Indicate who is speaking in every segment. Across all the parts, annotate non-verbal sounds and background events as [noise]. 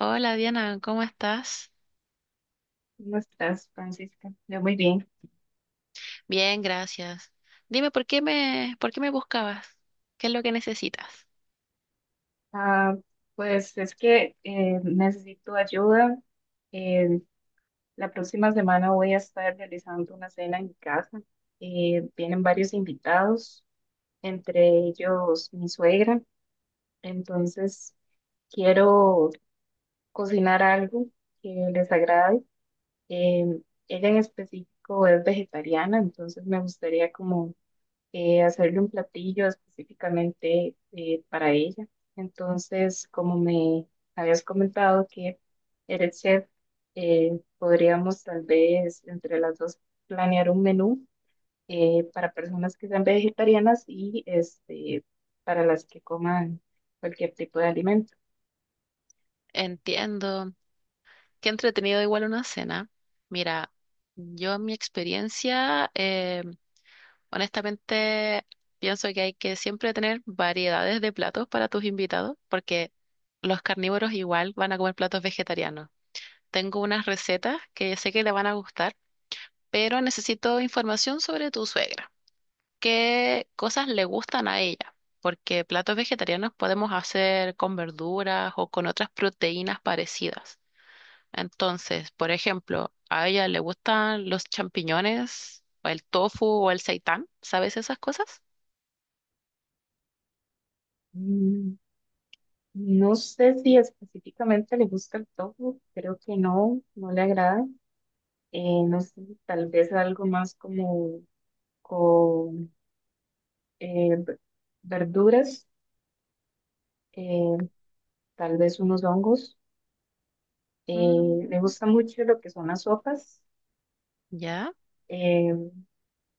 Speaker 1: Hola Diana, ¿cómo estás?
Speaker 2: ¿Cómo estás, Francisca? Yo muy bien.
Speaker 1: Bien, gracias. Dime, ¿por qué me buscabas? ¿Qué es lo que necesitas?
Speaker 2: Ah, pues es que necesito ayuda. Eh, la próxima semana voy a estar realizando una cena en mi casa. Vienen varios invitados, entre ellos mi suegra. Entonces quiero cocinar algo que les agrade. Eh, Ella en específico es vegetariana, entonces me gustaría como hacerle un platillo específicamente para ella. Entonces, como me habías comentado que eres chef, podríamos tal vez entre las dos planear un menú para personas que sean vegetarianas y este, para las que coman cualquier tipo de alimento.
Speaker 1: Entiendo. Qué entretenido igual una cena. Mira, yo en mi experiencia, honestamente, pienso que hay que siempre tener variedades de platos para tus invitados, porque los carnívoros igual van a comer platos vegetarianos. Tengo unas recetas que sé que le van a gustar, pero necesito información sobre tu suegra. Qué cosas le gustan a ella, porque platos vegetarianos podemos hacer con verduras o con otras proteínas parecidas. Entonces, por ejemplo, a ella le gustan los champiñones o el tofu o el seitán, ¿sabes esas cosas?
Speaker 2: Mm, no sé si específicamente le gusta el tofu, creo que no, no le agrada. No sé, tal vez algo más como con eh, v- verduras, eh, tal vez unos hongos.
Speaker 1: Mm,
Speaker 2: Me gusta mucho lo que son las sopas.
Speaker 1: ya,
Speaker 2: eh,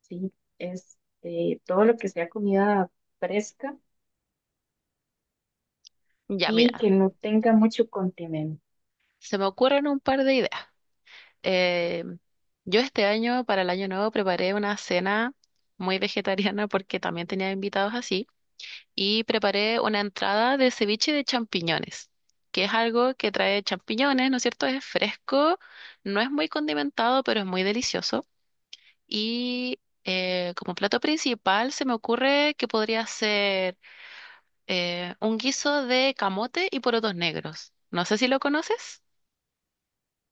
Speaker 2: sí, es todo lo que sea comida fresca
Speaker 1: ya,
Speaker 2: y
Speaker 1: mira,
Speaker 2: que no tenga mucho condimento.
Speaker 1: se me ocurren un par de ideas. Eh, yo este año, para el año nuevo, preparé una cena muy vegetariana porque también tenía invitados así. Y preparé una entrada de ceviche de champiñones, que es algo que trae champiñones, ¿no es cierto? Es fresco, no es muy condimentado, pero es muy delicioso. Y como plato principal se me ocurre que podría ser un guiso de camote y porotos negros. No sé si lo conoces,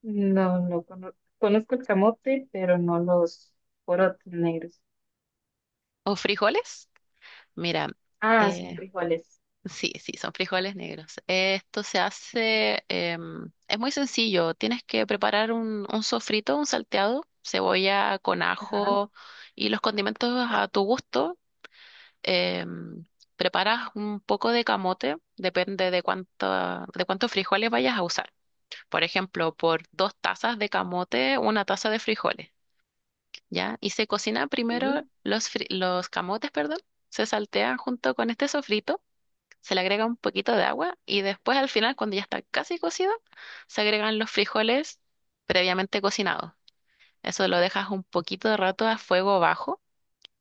Speaker 2: No, conozco el camote, pero no los porotos negros.
Speaker 1: o frijoles. Mira,
Speaker 2: Ah,
Speaker 1: eh,
Speaker 2: son frijoles.
Speaker 1: sí, sí, son frijoles negros. Esto se hace, es muy sencillo. Tienes que preparar un sofrito, un salteado, cebolla con
Speaker 2: Ajá,
Speaker 1: ajo y los condimentos a tu gusto. Em, preparas un poco de camote, depende de cuánta, de cuántos frijoles vayas a usar. Por ejemplo, por 2 tazas de camote, 1 taza de frijoles, ¿ya? Y se cocina primero
Speaker 2: sí,
Speaker 1: los camotes, perdón, se saltean junto con este sofrito. Se le agrega un poquito de agua y después al final, cuando ya está casi cocido, se agregan los frijoles previamente cocinados. Eso lo dejas un poquito de rato a fuego bajo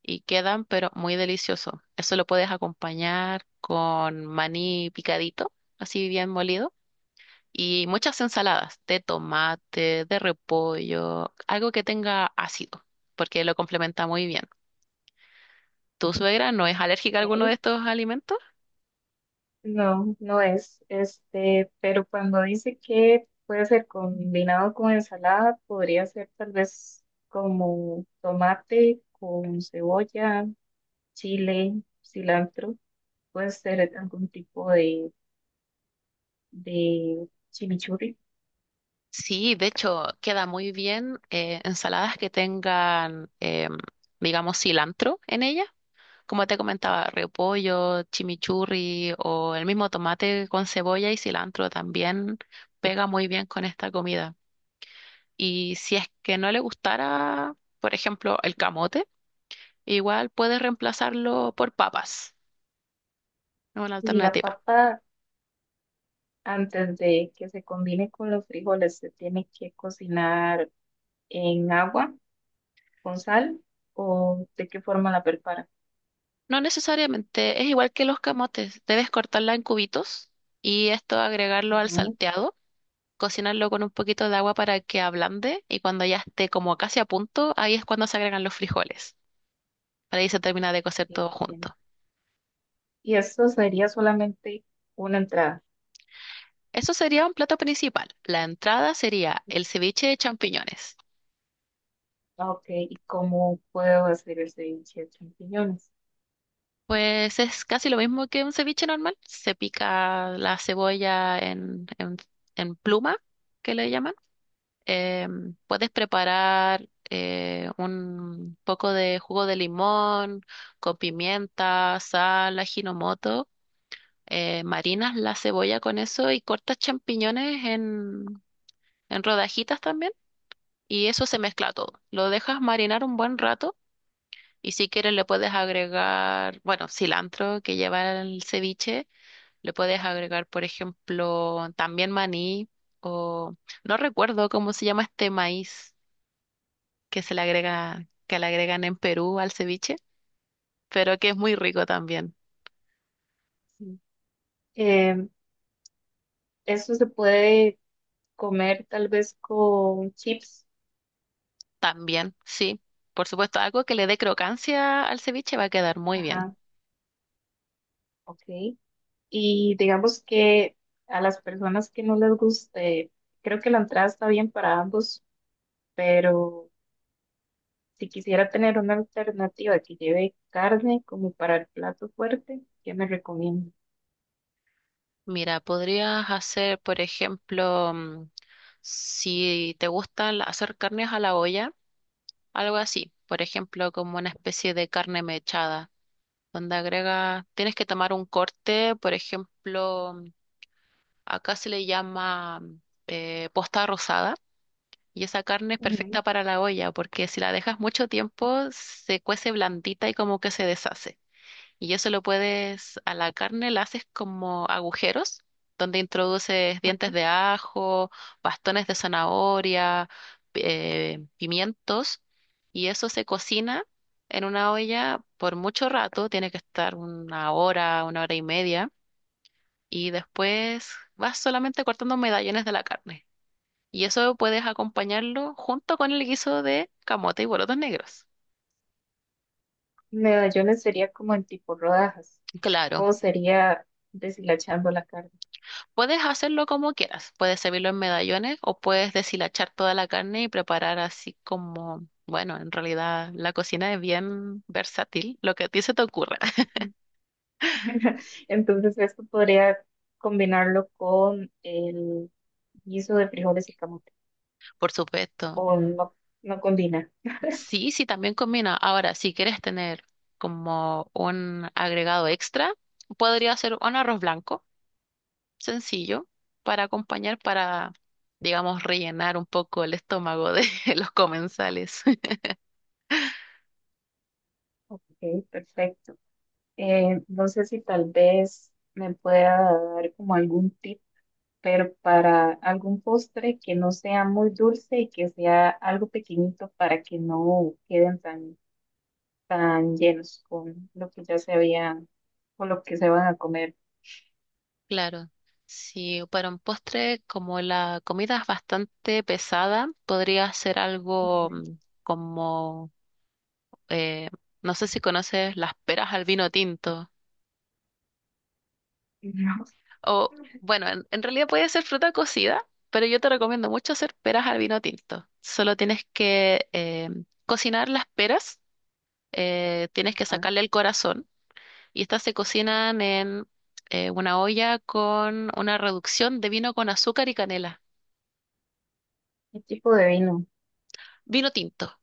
Speaker 1: y quedan, pero muy delicioso. Eso lo puedes acompañar con maní picadito, así bien molido, y muchas ensaladas de tomate, de repollo, algo que tenga ácido, porque lo complementa muy bien. ¿Tu suegra no es alérgica a alguno de
Speaker 2: ok.
Speaker 1: estos alimentos?
Speaker 2: No, no es. Este, pero cuando dice que puede ser combinado con ensalada, podría ser tal vez como tomate con cebolla, chile, cilantro. Puede ser algún tipo de chimichurri.
Speaker 1: Sí, de hecho, queda muy bien ensaladas que tengan, digamos, cilantro en ella. Como te comentaba, repollo, chimichurri o el mismo tomate con cebolla y cilantro también pega muy bien con esta comida. Y si es que no le gustara, por ejemplo, el camote, igual puedes reemplazarlo por papas, ¿no? Una
Speaker 2: Y la
Speaker 1: alternativa.
Speaker 2: papa, antes de que se combine con los frijoles, se tiene que cocinar en agua con sal. ¿O de qué forma la prepara?
Speaker 1: No necesariamente, es igual que los camotes, debes cortarla en cubitos y esto agregarlo al
Speaker 2: Ujú,
Speaker 1: salteado, cocinarlo con un poquito de agua para que ablande y cuando ya esté como casi a punto, ahí es cuando se agregan los frijoles. Para ahí se termina de cocer todo
Speaker 2: sí. Ajá.
Speaker 1: junto.
Speaker 2: Y esto sería solamente una entrada.
Speaker 1: Eso sería un plato principal. La entrada sería el ceviche de champiñones.
Speaker 2: Ah, ok, ¿y cómo puedo hacer el ceviche de champiñones?
Speaker 1: Pues es casi lo mismo que un ceviche normal. Se pica la cebolla en pluma, que le llaman. Puedes preparar un poco de jugo de limón con pimienta, sal, ajinomoto, marinas la cebolla con eso y cortas champiñones en rodajitas también y eso se mezcla todo. Lo dejas marinar un buen rato y si quieres le puedes agregar, bueno, cilantro que lleva el ceviche, le puedes agregar, por ejemplo, también maní o no recuerdo cómo se llama este maíz que se le agrega, que le agregan en Perú al ceviche, pero que es muy rico también.
Speaker 2: Sí. Em, esto se puede comer tal vez con chips.
Speaker 1: También, sí. Por supuesto, algo que le dé crocancia al ceviche va a quedar muy bien.
Speaker 2: Ajá, ok. Y digamos que a las personas que no les guste, creo que la entrada está bien para ambos, pero si quisiera tener una alternativa que lleve carne como para el plato fuerte, ¿qué me recomiendo?
Speaker 1: Mira, podrías hacer, por ejemplo, si te gusta hacer carnes a la olla, algo así. Por ejemplo, como una especie de carne mechada, donde agrega, tienes que tomar un corte, por ejemplo, acá se le llama, posta rosada, y esa carne es perfecta para la olla, porque si la dejas mucho tiempo, se cuece blandita y como que se deshace. Y eso lo puedes, a la carne la haces como agujeros, donde introduces dientes de ajo, bastones de zanahoria, pimientos, y eso se cocina en una olla por mucho rato, tiene que estar 1 hora, 1 hora y media, y después vas solamente cortando medallones de la carne. Y eso puedes acompañarlo junto con el guiso de camote y porotos negros.
Speaker 2: Medallones sería como en tipo rodajas,
Speaker 1: Claro.
Speaker 2: o sería deshilachando la carne.
Speaker 1: Puedes hacerlo como quieras. Puedes servirlo en medallones o puedes deshilachar toda la carne y preparar así como, bueno, en realidad la cocina es bien versátil, lo que a ti se te ocurra. [laughs]
Speaker 2: [laughs] Entonces esto podría combinarlo con el guiso de frijoles y camote,
Speaker 1: Por supuesto.
Speaker 2: o no, no combina.
Speaker 1: Sí, sí, también combina. Ahora, si quieres tener como un agregado extra, podría ser un arroz blanco, sencillo, para acompañar, para, digamos, rellenar un poco el estómago de [laughs] los comensales.
Speaker 2: Ok, perfecto. No sé si tal vez me pueda dar como algún tip, pero para algún postre que no sea muy dulce y que sea algo pequeñito para que no queden tan tan llenos con lo que ya se había, con lo que se van a comer.
Speaker 1: Claro, si para un postre, como la comida es bastante pesada, podría ser algo,
Speaker 2: Ujú.
Speaker 1: como, eh, no sé si conoces las peras al vino tinto,
Speaker 2: [laughs] Ujú.
Speaker 1: o bueno, en realidad puede ser fruta cocida, pero yo te recomiendo mucho hacer peras al vino tinto. Solo tienes que cocinar las peras, tienes que
Speaker 2: Ajá.
Speaker 1: sacarle el corazón, y estas se cocinan en una olla con una reducción de vino con azúcar y canela,
Speaker 2: ¿Qué tipo de vino?
Speaker 1: vino tinto.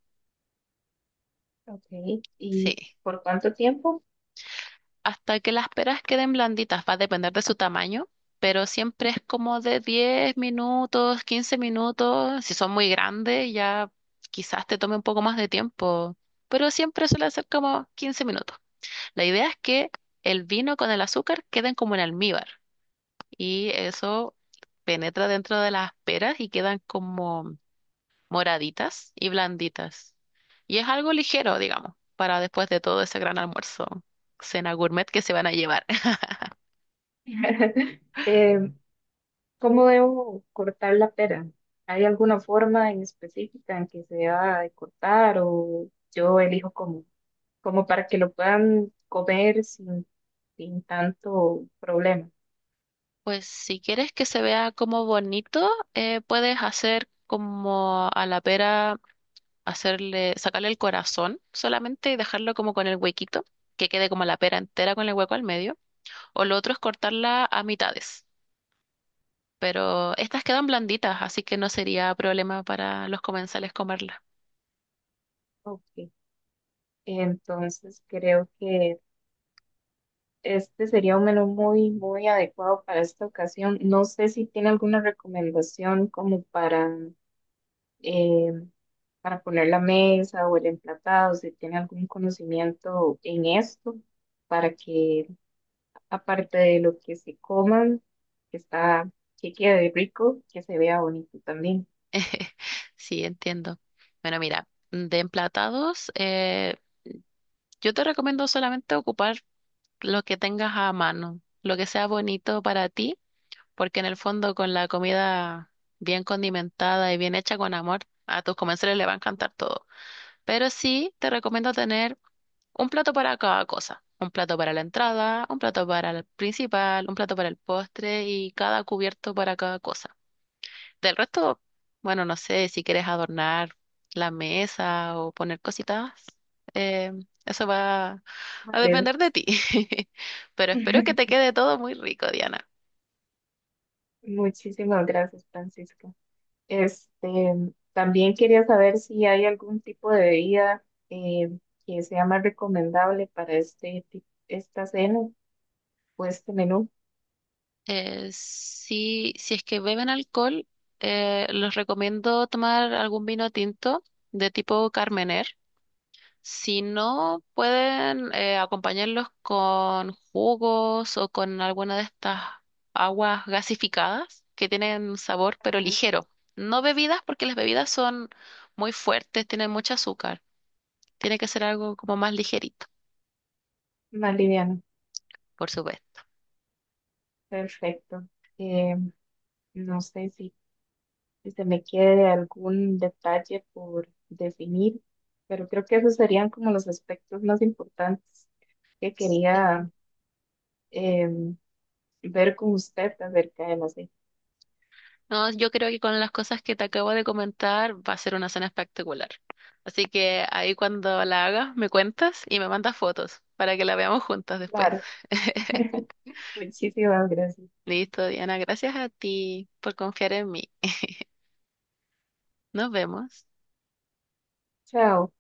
Speaker 2: Ok. ¿Y
Speaker 1: Sí,
Speaker 2: por cuánto tiempo?
Speaker 1: hasta que las peras queden blanditas, va a depender de su tamaño, pero siempre es como de 10 minutos, 15 minutos. Si son muy grandes, ya quizás te tome un poco más de tiempo, pero siempre suele ser como 15 minutos. La idea es que el vino con el azúcar queden como en almíbar y eso penetra dentro de las peras y quedan como moraditas y blanditas. Y es algo ligero, digamos, para después de todo ese gran almuerzo, cena gourmet que se van a llevar. [laughs]
Speaker 2: [laughs] Eh, ¿cómo debo cortar la pera? ¿Hay alguna forma en específica en que se deba de cortar o yo elijo como, como para que lo puedan comer sin, sin tanto problema?
Speaker 1: Pues si quieres que se vea como bonito, puedes hacer como a la pera, hacerle, sacarle el corazón solamente y dejarlo como con el huequito, que quede como la pera entera con el hueco al medio. O lo otro es cortarla a mitades. Pero estas quedan blanditas, así que no sería problema para los comensales comerlas.
Speaker 2: Ok. Entonces creo que este sería un menú muy, muy adecuado para esta ocasión. No sé si tiene alguna recomendación como eh, para poner la mesa o el emplatado, si tiene algún conocimiento en esto, para que aparte de lo que se coman, que está, que quede rico, que se vea bonito también.
Speaker 1: [laughs] Sí, entiendo. Bueno, mira, de emplatados, yo te recomiendo solamente ocupar lo que tengas a mano, lo que sea bonito para ti, porque en el fondo con la comida bien condimentada y bien hecha con amor, a tus comensales le va a encantar todo. Pero sí te recomiendo tener un plato para cada cosa. Un plato para la entrada, un plato para el principal, un plato para el postre y cada cubierto para cada cosa. Del resto, bueno, no sé si quieres adornar la mesa o poner cositas. eh, Eso va a
Speaker 2: Vale.
Speaker 1: depender de ti. [laughs] Pero espero que
Speaker 2: [laughs]
Speaker 1: te quede todo muy rico, Diana.
Speaker 2: Muchísimas gracias, Francisco. Este, también quería saber si hay algún tipo de bebida que sea más recomendable para esta cena o este menú.
Speaker 1: Si, si es que beben alcohol, los recomiendo tomar algún vino tinto de tipo Carmener. Si no, pueden acompañarlos con jugos o con alguna de estas aguas gasificadas que tienen sabor pero
Speaker 2: Ajá.
Speaker 1: ligero. No bebidas porque las bebidas son muy fuertes, tienen mucho azúcar. Tiene que ser algo como más ligerito,
Speaker 2: Más liviano.
Speaker 1: por supuesto.
Speaker 2: Perfecto. Eh, no sé si, si se me quede algún detalle por definir, pero creo que esos serían como los aspectos más importantes que
Speaker 1: Sí.
Speaker 2: quería em, ver con usted acerca de la cena.
Speaker 1: No, yo creo que con las cosas que te acabo de comentar va a ser una cena espectacular. Así que ahí cuando la hagas me cuentas y me mandas fotos para que la veamos juntas después.
Speaker 2: Claro.
Speaker 1: [laughs]
Speaker 2: [laughs] Muchísimas gracias.
Speaker 1: Listo, Diana, gracias a ti por confiar en mí. [laughs] Nos vemos.
Speaker 2: Chao.